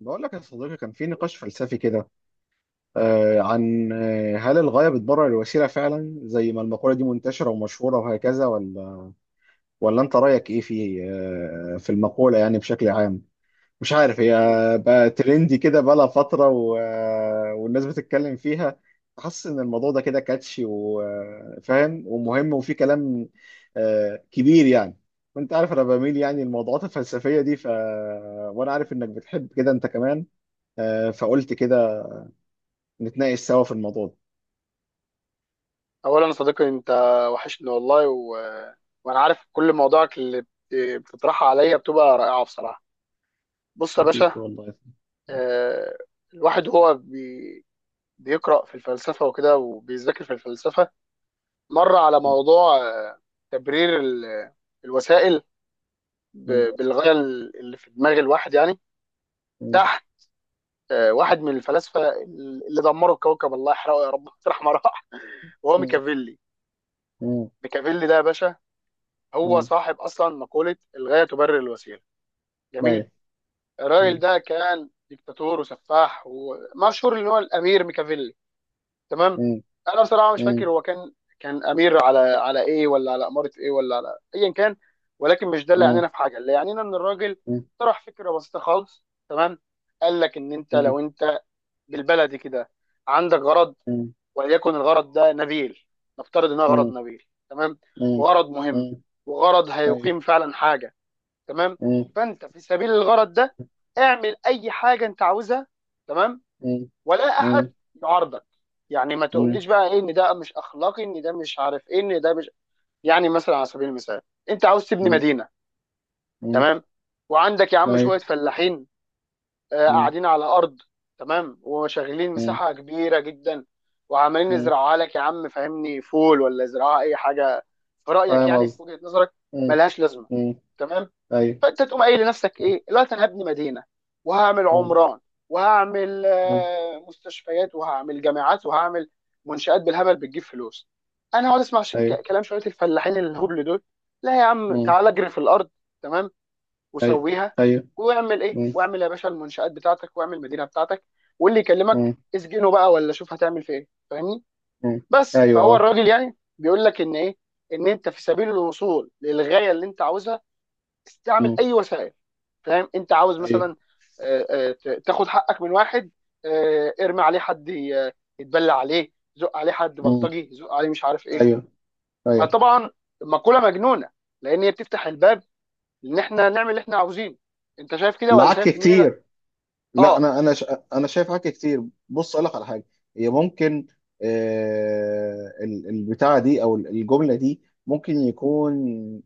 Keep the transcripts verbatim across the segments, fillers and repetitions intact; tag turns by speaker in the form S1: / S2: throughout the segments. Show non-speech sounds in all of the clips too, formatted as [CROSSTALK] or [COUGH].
S1: بقول لك يا صديقي، كان في نقاش فلسفي كده. آه عن آه هل الغاية بتبرر الوسيلة فعلا، زي ما المقولة دي منتشرة ومشهورة وهكذا، ولا ولا انت رأيك ايه في آه في المقولة يعني بشكل عام؟ مش عارف، هي
S2: مم.
S1: بقى ترندي كده بقالها فترة و- آه، والناس بتتكلم فيها. حاسس ان الموضوع ده كده كاتشي وفاهم ومهم، وفي كلام آه كبير يعني. وانت عارف انا بميل يعني الموضوعات الفلسفية دي ف وانا عارف انك بتحب كده انت كمان، آه، فقلت كده نتناقش سوا في الموضوع ده.
S2: اولا يا صديقي انت وحشني والله و... وانا عارف كل مواضيعك اللي بت- بتطرحها عليا بتبقى رائعه بصراحه. بص يا
S1: حبيبي
S2: باشا،
S1: والله.
S2: آه، الواحد هو بي... بيقرا في الفلسفه وكده، وبيذاكر في الفلسفه، مر على
S1: لا،
S2: موضوع آه، تبرير ال... الوسائل ب... بالغايه اللي في دماغ الواحد يعني. تحت آه، واحد من الفلاسفه اللي دمروا الكوكب، الله يحرقه يا رب [LAUGHS] رحمه راح، وهو ميكافيلي. ميكافيلي ده يا باشا هو صاحب اصلا مقوله الغايه تبرر الوسيله. جميل. الراجل ده كان ديكتاتور وسفاح، ومشهور ان هو الامير ميكافيلي. تمام. انا بصراحه مش فاكر هو كان كان امير على على ايه، ولا على اماره ايه، ولا على ايا كان. ولكن مش ده اللي يعنينا في حاجه، اللي يعنينا ان الراجل طرح فكره بسيطه خالص. تمام. قال لك ان انت لو انت بالبلدي كده عندك غرض، وليكن الغرض ده نبيل، نفترض انه غرض نبيل، تمام، وغرض مهم، وغرض هيقيم فعلا حاجه، تمام. فانت في سبيل الغرض ده اعمل اي حاجه انت عاوزها، تمام، ولا احد يعارضك. يعني ما تقوليش بقى ايه، ان ده مش اخلاقي، ان ده مش عارف ايه، ان ده مش، يعني مثلا على سبيل المثال انت عاوز تبني مدينه، تمام، وعندك يا عم شويه فلاحين آه، قاعدين على ارض، تمام، وشغلين مساحه كبيره جدا، وعمالين يزرعوها لك يا عم، فاهمني، فول ولا يزرعوها اي حاجه، في رايك
S1: فاهم
S2: يعني
S1: قصدي.
S2: في وجهه نظرك،
S1: م-
S2: ملهاش لازمه.
S1: م-
S2: تمام. فانت تقوم قايل لنفسك ايه دلوقتي، انا هبني مدينه وهعمل عمران وهعمل آه، مستشفيات وهعمل جامعات وهعمل منشآت بالهبل بتجيب فلوس. انا هقعد اسمع ش... ك-
S1: ايوه.
S2: كلام شويه الفلاحين الهبل دول؟ لا يا عم،
S1: م-
S2: تعال اجري في الارض تمام
S1: م- م- ايوه.
S2: وسويها،
S1: م- ايوه، ايوه.
S2: واعمل ايه،
S1: م-
S2: واعمل يا باشا المنشآت بتاعتك، واعمل المدينه بتاعتك، واللي يكلمك
S1: م-
S2: اسجنه بقى، ولا شوف هتعمل في ايه، فاهمني.
S1: م-
S2: بس
S1: ايوه،
S2: فهو
S1: اه.
S2: الراجل يعني بيقول لك ان ايه، ان انت في سبيل الوصول للغايه اللي انت عاوزها استعمل
S1: م-
S2: اي وسائل. فاهم، انت عاوز
S1: ايوه.
S2: مثلا آه، آه، ت- تاخد حقك من واحد، آه، ارمي عليه حد ي- يتبلى عليه، زق عليه حد
S1: م-
S2: بلطجي، زق عليه مش عارف ايه.
S1: ايوه، ايوه.
S2: فطبعا، مقولة مجنونة، لان هي بتفتح الباب ان احنا نعمل اللي احنا عاوزينه. انت شايف كده، ولا
S1: العك
S2: شايف ان هي؟
S1: كتير. لا،
S2: اه.
S1: انا انا ش... انا شايف حاجه كتير. بص اقول لك على حاجه. هي ممكن، آه ال- البتاعه دي، او ال- الجمله دي ممكن يكون،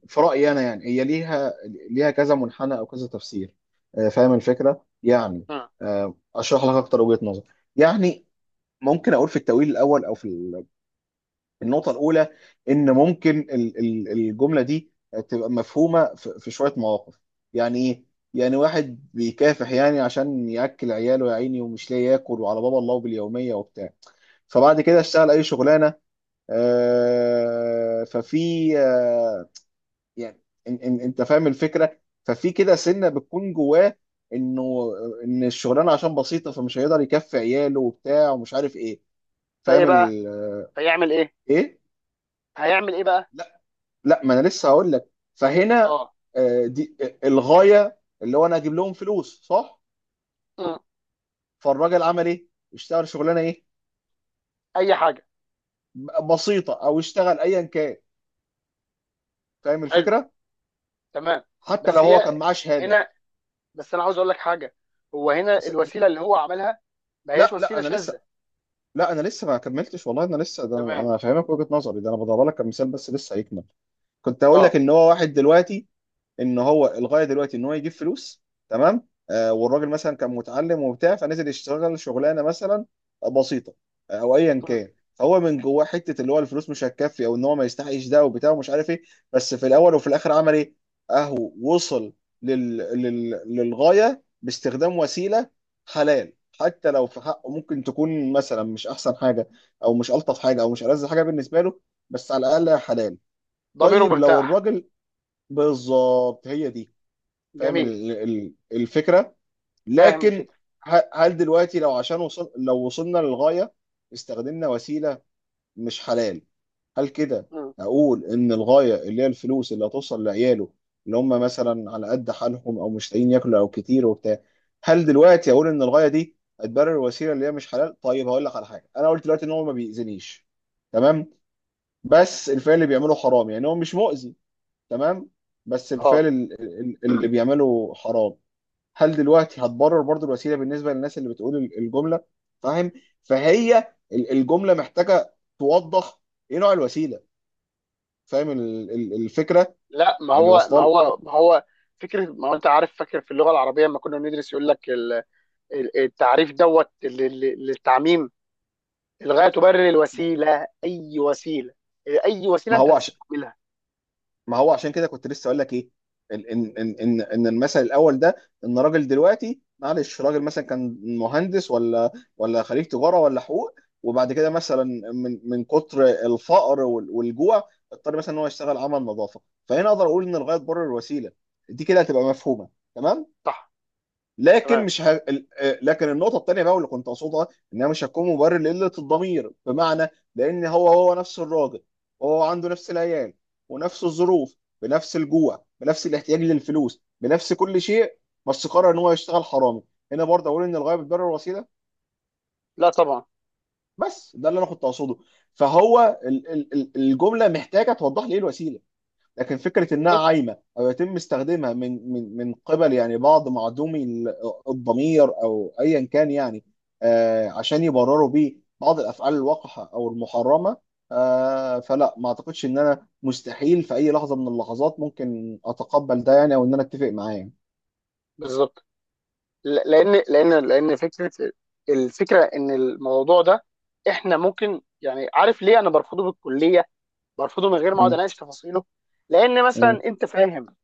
S1: في رايي انا يعني، هي ليها ليها كذا منحنى او كذا تفسير. آه فاهم الفكره يعني.
S2: مم.
S1: آه اشرح لك اكتر وجهه نظر يعني. ممكن اقول في التاويل الاول، او في النقطة الأولى، إن ممكن ال- ال- الجملة دي تبقى مفهومة في في شوية مواقف. يعني إيه؟ يعني واحد بيكافح يعني عشان يأكل عياله، يا عيني، ومش لاقي ياكل، وعلى بابا الله باليومية وبتاع، فبعد كده اشتغل أي شغلانة، آه، ففي آه، يعني إن- إن- أنت فاهم الفكرة. ففي كده سنة بتكون جواه، إنه إن الشغلانة عشان بسيطة فمش هيقدر يكفي عياله وبتاع ومش عارف إيه.
S2: فايه
S1: فاهم
S2: بقى،
S1: ال-
S2: هيعمل ايه؟
S1: إيه؟
S2: هيعمل ايه بقى؟
S1: لا، ما انا لسه هقول لك. فهنا
S2: اه.
S1: آه، دي آه، الغايه اللي هو انا اجيب لهم فلوس، صح؟
S2: مم.
S1: فالراجل عمل ايه؟ اشتغل شغلانه ايه؟
S2: اي حاجة.
S1: ب- بسيطه، او اشتغل ايا كان. فاهم
S2: حلو،
S1: الفكره.
S2: تمام.
S1: حتى لو
S2: بس
S1: هو
S2: هي
S1: كان معاه شهاده.
S2: هنا، بس انا عاوز اقول لك حاجة، هو هنا
S1: بس-
S2: الوسيلة اللي هو عملها ما هياش
S1: لا، لا
S2: وسيلة
S1: انا لسه،
S2: شاذة.
S1: لا انا لسه ما كملتش والله. انا لسه، ده انا،
S2: تمام.
S1: أنا فاهمك وجهه نظري، ده انا بضرب لك كمثال بس، لسه هيكمل. كنت هقول لك
S2: اه.
S1: ان هو واحد دلوقتي، ان هو الغايه دلوقتي ان هو يجيب فلوس. تمام. آه والراجل مثلا كان متعلم وبتاع، فنزل يشتغل شغلانه مثلا بسيطه، آه، او ايا
S2: مم.
S1: كان، فهو من جواه حته اللي هو الفلوس مش هتكفي، او ان هو ما يستحقش ده وبتاع ومش عارف ايه. بس في الاول وفي الاخر عمل ايه؟ اهو وصل لل... لل... للغايه باستخدام وسيله حلال. حتى لو في حقه ممكن تكون مثلا مش احسن حاجه، او مش الطف حاجه، او مش ألذ حاجه بالنسبه له، بس على الاقل حلال.
S2: ضميره
S1: طيب لو
S2: مرتاح.
S1: الراجل... بالظبط هي دي. فاهم
S2: جميل.
S1: ال- ال- الفكره.
S2: فاهم
S1: لكن
S2: الفكره.
S1: ه- هل دلوقتي، لو عشان وصل لو وصلنا للغايه استخدمنا وسيله مش حلال، هل كده
S2: مم.
S1: اقول ان الغايه، اللي هي الفلوس اللي هتوصل لعياله، اللي هم مثلا على قد حالهم، او مش لاقيين ياكلوا او كتير وبتاع، هل دلوقتي اقول ان الغايه دي هتبرر الوسيله اللي هي مش حلال؟ طيب هقول لك على حاجه. انا قلت دلوقتي ان هو ما بيأذينيش، تمام، بس الفعل اللي بيعمله حرام. يعني هو مش مؤذي، تمام، بس الفعل
S2: اه.
S1: ال- ال- اللي بيعمله حرام. هل دلوقتي هتبرر برضو الوسيله بالنسبه للناس اللي بتقول ال- الجمله؟ فاهم. فهي ال- الجمله محتاجه توضح ايه نوع الوسيله. فاهم ال- ال- الفكره
S2: لا، ما
S1: يعني،
S2: هو ما
S1: واصله؟
S2: هو ما هو فكره، ما هو انت عارف، فاكر في اللغه العربيه لما كنا بندرس يقول لك ال- ال- التعريف دوت لل- لل- للتعميم، الغايه تبرر
S1: ل-
S2: الوسيله اي وسيله، اي وسيله
S1: ما
S2: انت
S1: هو عشان
S2: هتستعملها.
S1: ما هو عشان كده كنت لسه اقول لك ايه، ان ان ان ان إن المثل الاول ده، ان راجل دلوقتي، معلش، راجل مثلا كان مهندس، ولا ولا خريج تجاره ولا حقوق، وبعد كده مثلا من من كتر الفقر وال- والجوع، اضطر مثلا ان هو يشتغل عمل نظافه. فهنا اقدر اقول ان الغايه تبرر الوسيله. دي كده هتبقى مفهومه، تمام.
S2: صح.
S1: لكن
S2: تمام.
S1: مش ه... ال- آه، لكن النقطه الثانيه بقى، واللي كنت اقصدها، ان انا مش هكون مبرر لقله الضمير، بمعنى، لان هو، هو نفس الراجل، وهو عنده نفس العيال ونفس الظروف، بنفس الجوع، بنفس الاحتياج للفلوس، بنفس كل شيء، بس قرر ان هو يشتغل حرامي. هنا برضه اقول ان الغايه بتبرر الوسيله؟
S2: لا طبعا.
S1: بس ده اللي انا كنت اقصده. فهو ال... ال... ال- الجمله محتاجه توضح لي ايه الوسيله. لكن فكره انها
S2: بالظبط.
S1: عايمه، او يتم استخدامها من من من قبل يعني بعض معدومي ال- الضمير، او ايا كان يعني، آه، عشان يبرروا بيه بعض الافعال الوقحه او المحرمه، آه، فلا، ما اعتقدش ان انا، مستحيل في اي لحظه من اللحظات ممكن اتقبل ده يعني، او ان انا اتفق معاه يعني.
S2: بالظبط. ل- لان لان لان فكره، الفكره ان الموضوع ده احنا ممكن، يعني عارف ليه انا برفضه بالكليه، برفضه من غير ما اقعد
S1: م-
S2: اناقش تفاصيله؟ لان
S1: م-
S2: مثلا انت فاهم،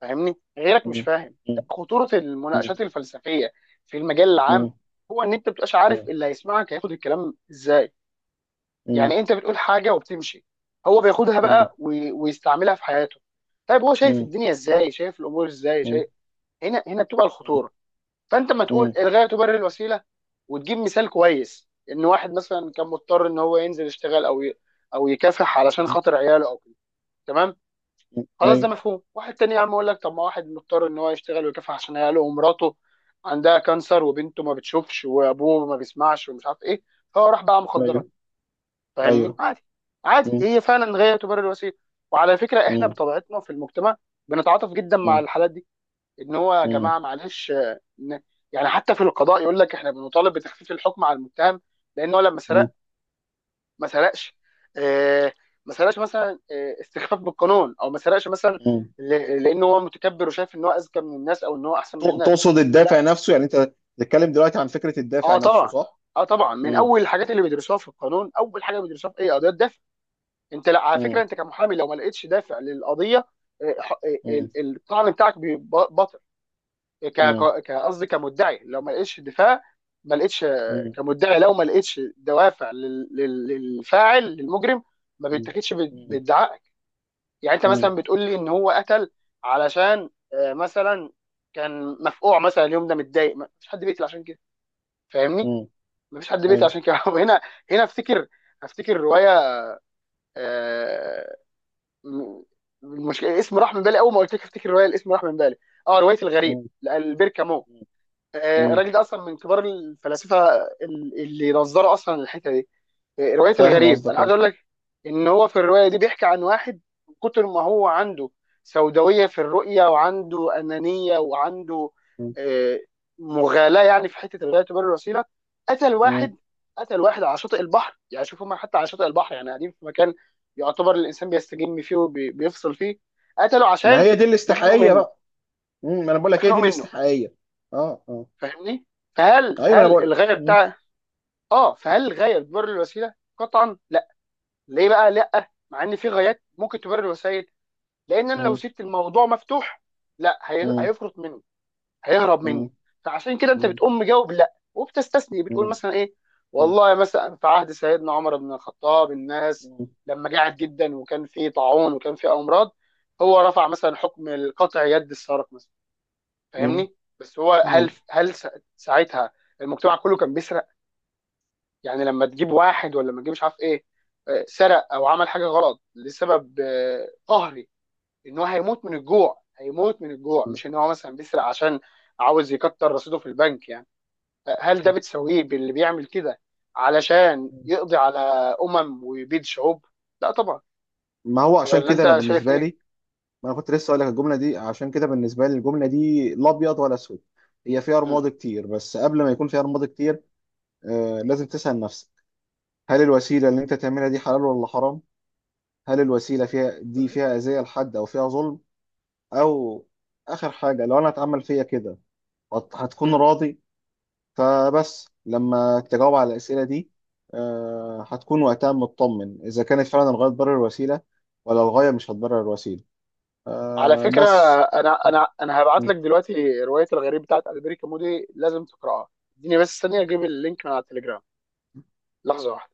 S2: فاهمني، غيرك مش
S1: م-
S2: فاهم.
S1: م-
S2: خطوره المناقشات الفلسفيه في المجال
S1: م-
S2: العام
S1: م-
S2: هو ان انت مبتبقاش عارف اللي هيسمعك هياخد الكلام ازاي.
S1: م- م-
S2: يعني انت بتقول حاجه وبتمشي، هو بياخدها
S1: م-
S2: بقى وي- ويستعملها في حياته. طيب، هو شايف الدنيا ازاي، شايف الامور ازاي،
S1: م-
S2: شايف، هنا هنا بتبقى الخطوره. فانت ما تقول
S1: م-
S2: الغايه تبرر الوسيله وتجيب مثال كويس ان واحد مثلا كان مضطر ان هو ينزل يشتغل او ي... او يكافح علشان
S1: م-
S2: خاطر عياله او كده، تمام.
S1: م-
S2: خلاص ده
S1: ايوه،
S2: مفهوم. واحد تاني يا عم اقول لك، طب ما واحد مضطر ان هو يشتغل ويكافح عشان عياله ومراته عندها كانسر، وبنته ما بتشوفش، وابوه ما بيسمعش، ومش عارف ايه، فهو راح باع
S1: ايوه،
S2: مخدرات، فاهمني،
S1: ايوه.
S2: عادي. عادي،
S1: م-
S2: هي فعلا غايه تبرر الوسيله. وعلى فكره احنا
S1: م-
S2: بطبيعتنا في المجتمع بنتعاطف جدا مع
S1: م-
S2: الحالات دي، ان هو يا
S1: م-
S2: جماعه معلش آه، ن- يعني حتى في القضاء يقول لك احنا بنطالب بتخفيف الحكم على المتهم، لان هو لما سرقنا
S1: مم.
S2: ما سرقش آه، ما سرقش مثلا آه، استخفاف بالقانون، او ما سرقش مثلا
S1: مم.
S2: ل- لانه هو متكبر وشايف ان هو اذكى من الناس، او ان هو احسن من
S1: ت-
S2: الناس.
S1: تقصد
S2: لا.
S1: الدافع نفسه يعني انت؟ بتتكلم دلوقتي عن فكرة الدافع
S2: اه
S1: نفسه،
S2: طبعا.
S1: صح؟
S2: اه طبعا، من
S1: مم.
S2: اول الحاجات اللي بيدرسوها في القانون، اول حاجه بيدرسوها في ايه، قضيه دافع. انت، لا على فكره،
S1: مم.
S2: انت كمحامي لو ما لقيتش دافع للقضيه، آه، ح- آه،
S1: مم.
S2: ال- الطعن بتاعك بيبقى باطل. ك-
S1: مم.
S2: ك- ك- قصدي كمدعي، لو ما لقيتش دفاع، ما لقيتش آه،
S1: مم.
S2: كمدعي لو ما لقيتش دوافع لل- لل- للفاعل للمجرم، ما
S1: مم.
S2: بيتاخدش بال-
S1: مم.
S2: بادعاء. يعني انت
S1: مم.
S2: مثلا بتقول لي ان هو قتل علشان آه، مثلا كان مفقوع مثلا، اليوم ده متضايق، ما فيش حد بيقتل عشان كده، فاهمني،
S1: مم.
S2: ما فيش حد بيقتل
S1: ايوه.
S2: عشان كده [LAUGHS] هنا، هنا افتكر، افتكر روايه، آه، م- المشكله الاسم راح من بالي، اول ما قلت لك افتكر روايه الاسم راح من بالي. اه، روايه الغريب
S1: مم.
S2: لالبير كامو.
S1: مم.
S2: آه،
S1: مم.
S2: الراجل ده اصلا من كبار الفلاسفه ال- اللي نظروا اصلا الحته دي. إيه، روايه
S1: فاهم
S2: الغريب،
S1: قصدك،
S2: انا عايز
S1: اه.
S2: اقول لك ان هو في الروايه دي بيحكي عن واحد، من كتر ما هو عنده سوداويه في الرؤيه، وعنده انانيه، وعنده
S1: مم.
S2: آه، مغالاه، يعني في حته الغايه تبرر الوسيله، قتل
S1: مم.
S2: واحد. قتل واحد على شاطئ البحر، يعني شوف، هم حتى على شاطئ البحر، يعني قاعدين في مكان يعتبر الانسان بيستجم فيه وبيفصل فيه، قتله
S1: ما
S2: عشان
S1: هي دي
S2: مخنوق
S1: الاستحقاقية
S2: منه،
S1: بقى. مم. ما انا بقول لك هي دي
S2: مخنوق منه،
S1: الاستحقاقية. اه، اه،
S2: فاهمني. فهل
S1: ايوه. ما انا
S2: هل
S1: بقول.
S2: الغايه
S1: مم.
S2: بتاع، اه، فهل الغايه تبرر الوسيله؟ قطعا لا. ليه بقى لا، مع ان في غايات ممكن تبرر الوسائل؟ لان انا لو
S1: مم.
S2: سبت الموضوع مفتوح لا، هي-
S1: مم.
S2: هيفرط مني، هيهرب
S1: مم.
S2: مني. فعشان كده انت
S1: مم.
S2: بتقوم مجاوب لا، وبتستثني، بتقول
S1: مم.
S2: مثلا ايه، والله مثلا في عهد سيدنا عمر بن الخطاب الناس
S1: مم.
S2: لما جاعت جدا، وكان في طاعون، وكان في امراض، هو رفع مثلا حكم قطع يد السارق مثلا،
S1: مم.
S2: فاهمني. بس هو هل
S1: مم.
S2: هل سا- ساعتها المجتمع كله كان، يعني لما تجيب واحد ولا ما تجيب مش عارف ايه، آه، سرق او عمل حاجه غلط لسبب آه، قهري، ان هو هيموت من الجوع، هيموت من الجوع، مش ان هو مثلا بيسرق عشان عاوز يكتر رصيده في البنك يعني. آه، هل ده بتسويه باللي بيعمل كده علشان
S1: مم.
S2: يقضي على امم ويبيد شعوب؟ لا طبعا.
S1: ما هو عشان
S2: ولا
S1: كده انا
S2: انت شايف
S1: بالنسبة
S2: ايه؟
S1: لي، ما انا كنت لسه اقول لك، الجمله دي عشان كده بالنسبه لي، الجمله دي لا ابيض ولا اسود، هي فيها
S2: مم.
S1: رماد كتير، بس قبل ما يكون فيها رماد كتير، آه لازم تسال نفسك، هل الوسيله اللي انت تعملها دي حلال ولا حرام؟ هل الوسيله فيها، دي فيها اذيه لحد او فيها ظلم؟ او اخر حاجه، لو انا اتعمل فيا كده هت- هتكون
S2: مم.
S1: راضي؟ فبس لما تجاوب على الاسئله دي، آه هتكون وقتها مطمن، اذا كانت فعلا الغايه تبرر الوسيله، ولا الغايه مش هتبرر الوسيله.
S2: على
S1: آه
S2: فكره،
S1: بس
S2: انا انا انا هبعت لك دلوقتي روايه الغريب بتاعت البريكا مودي، لازم تقراها. اديني بس ثانيه اجيب اللينك من على التليجرام. لحظه واحده.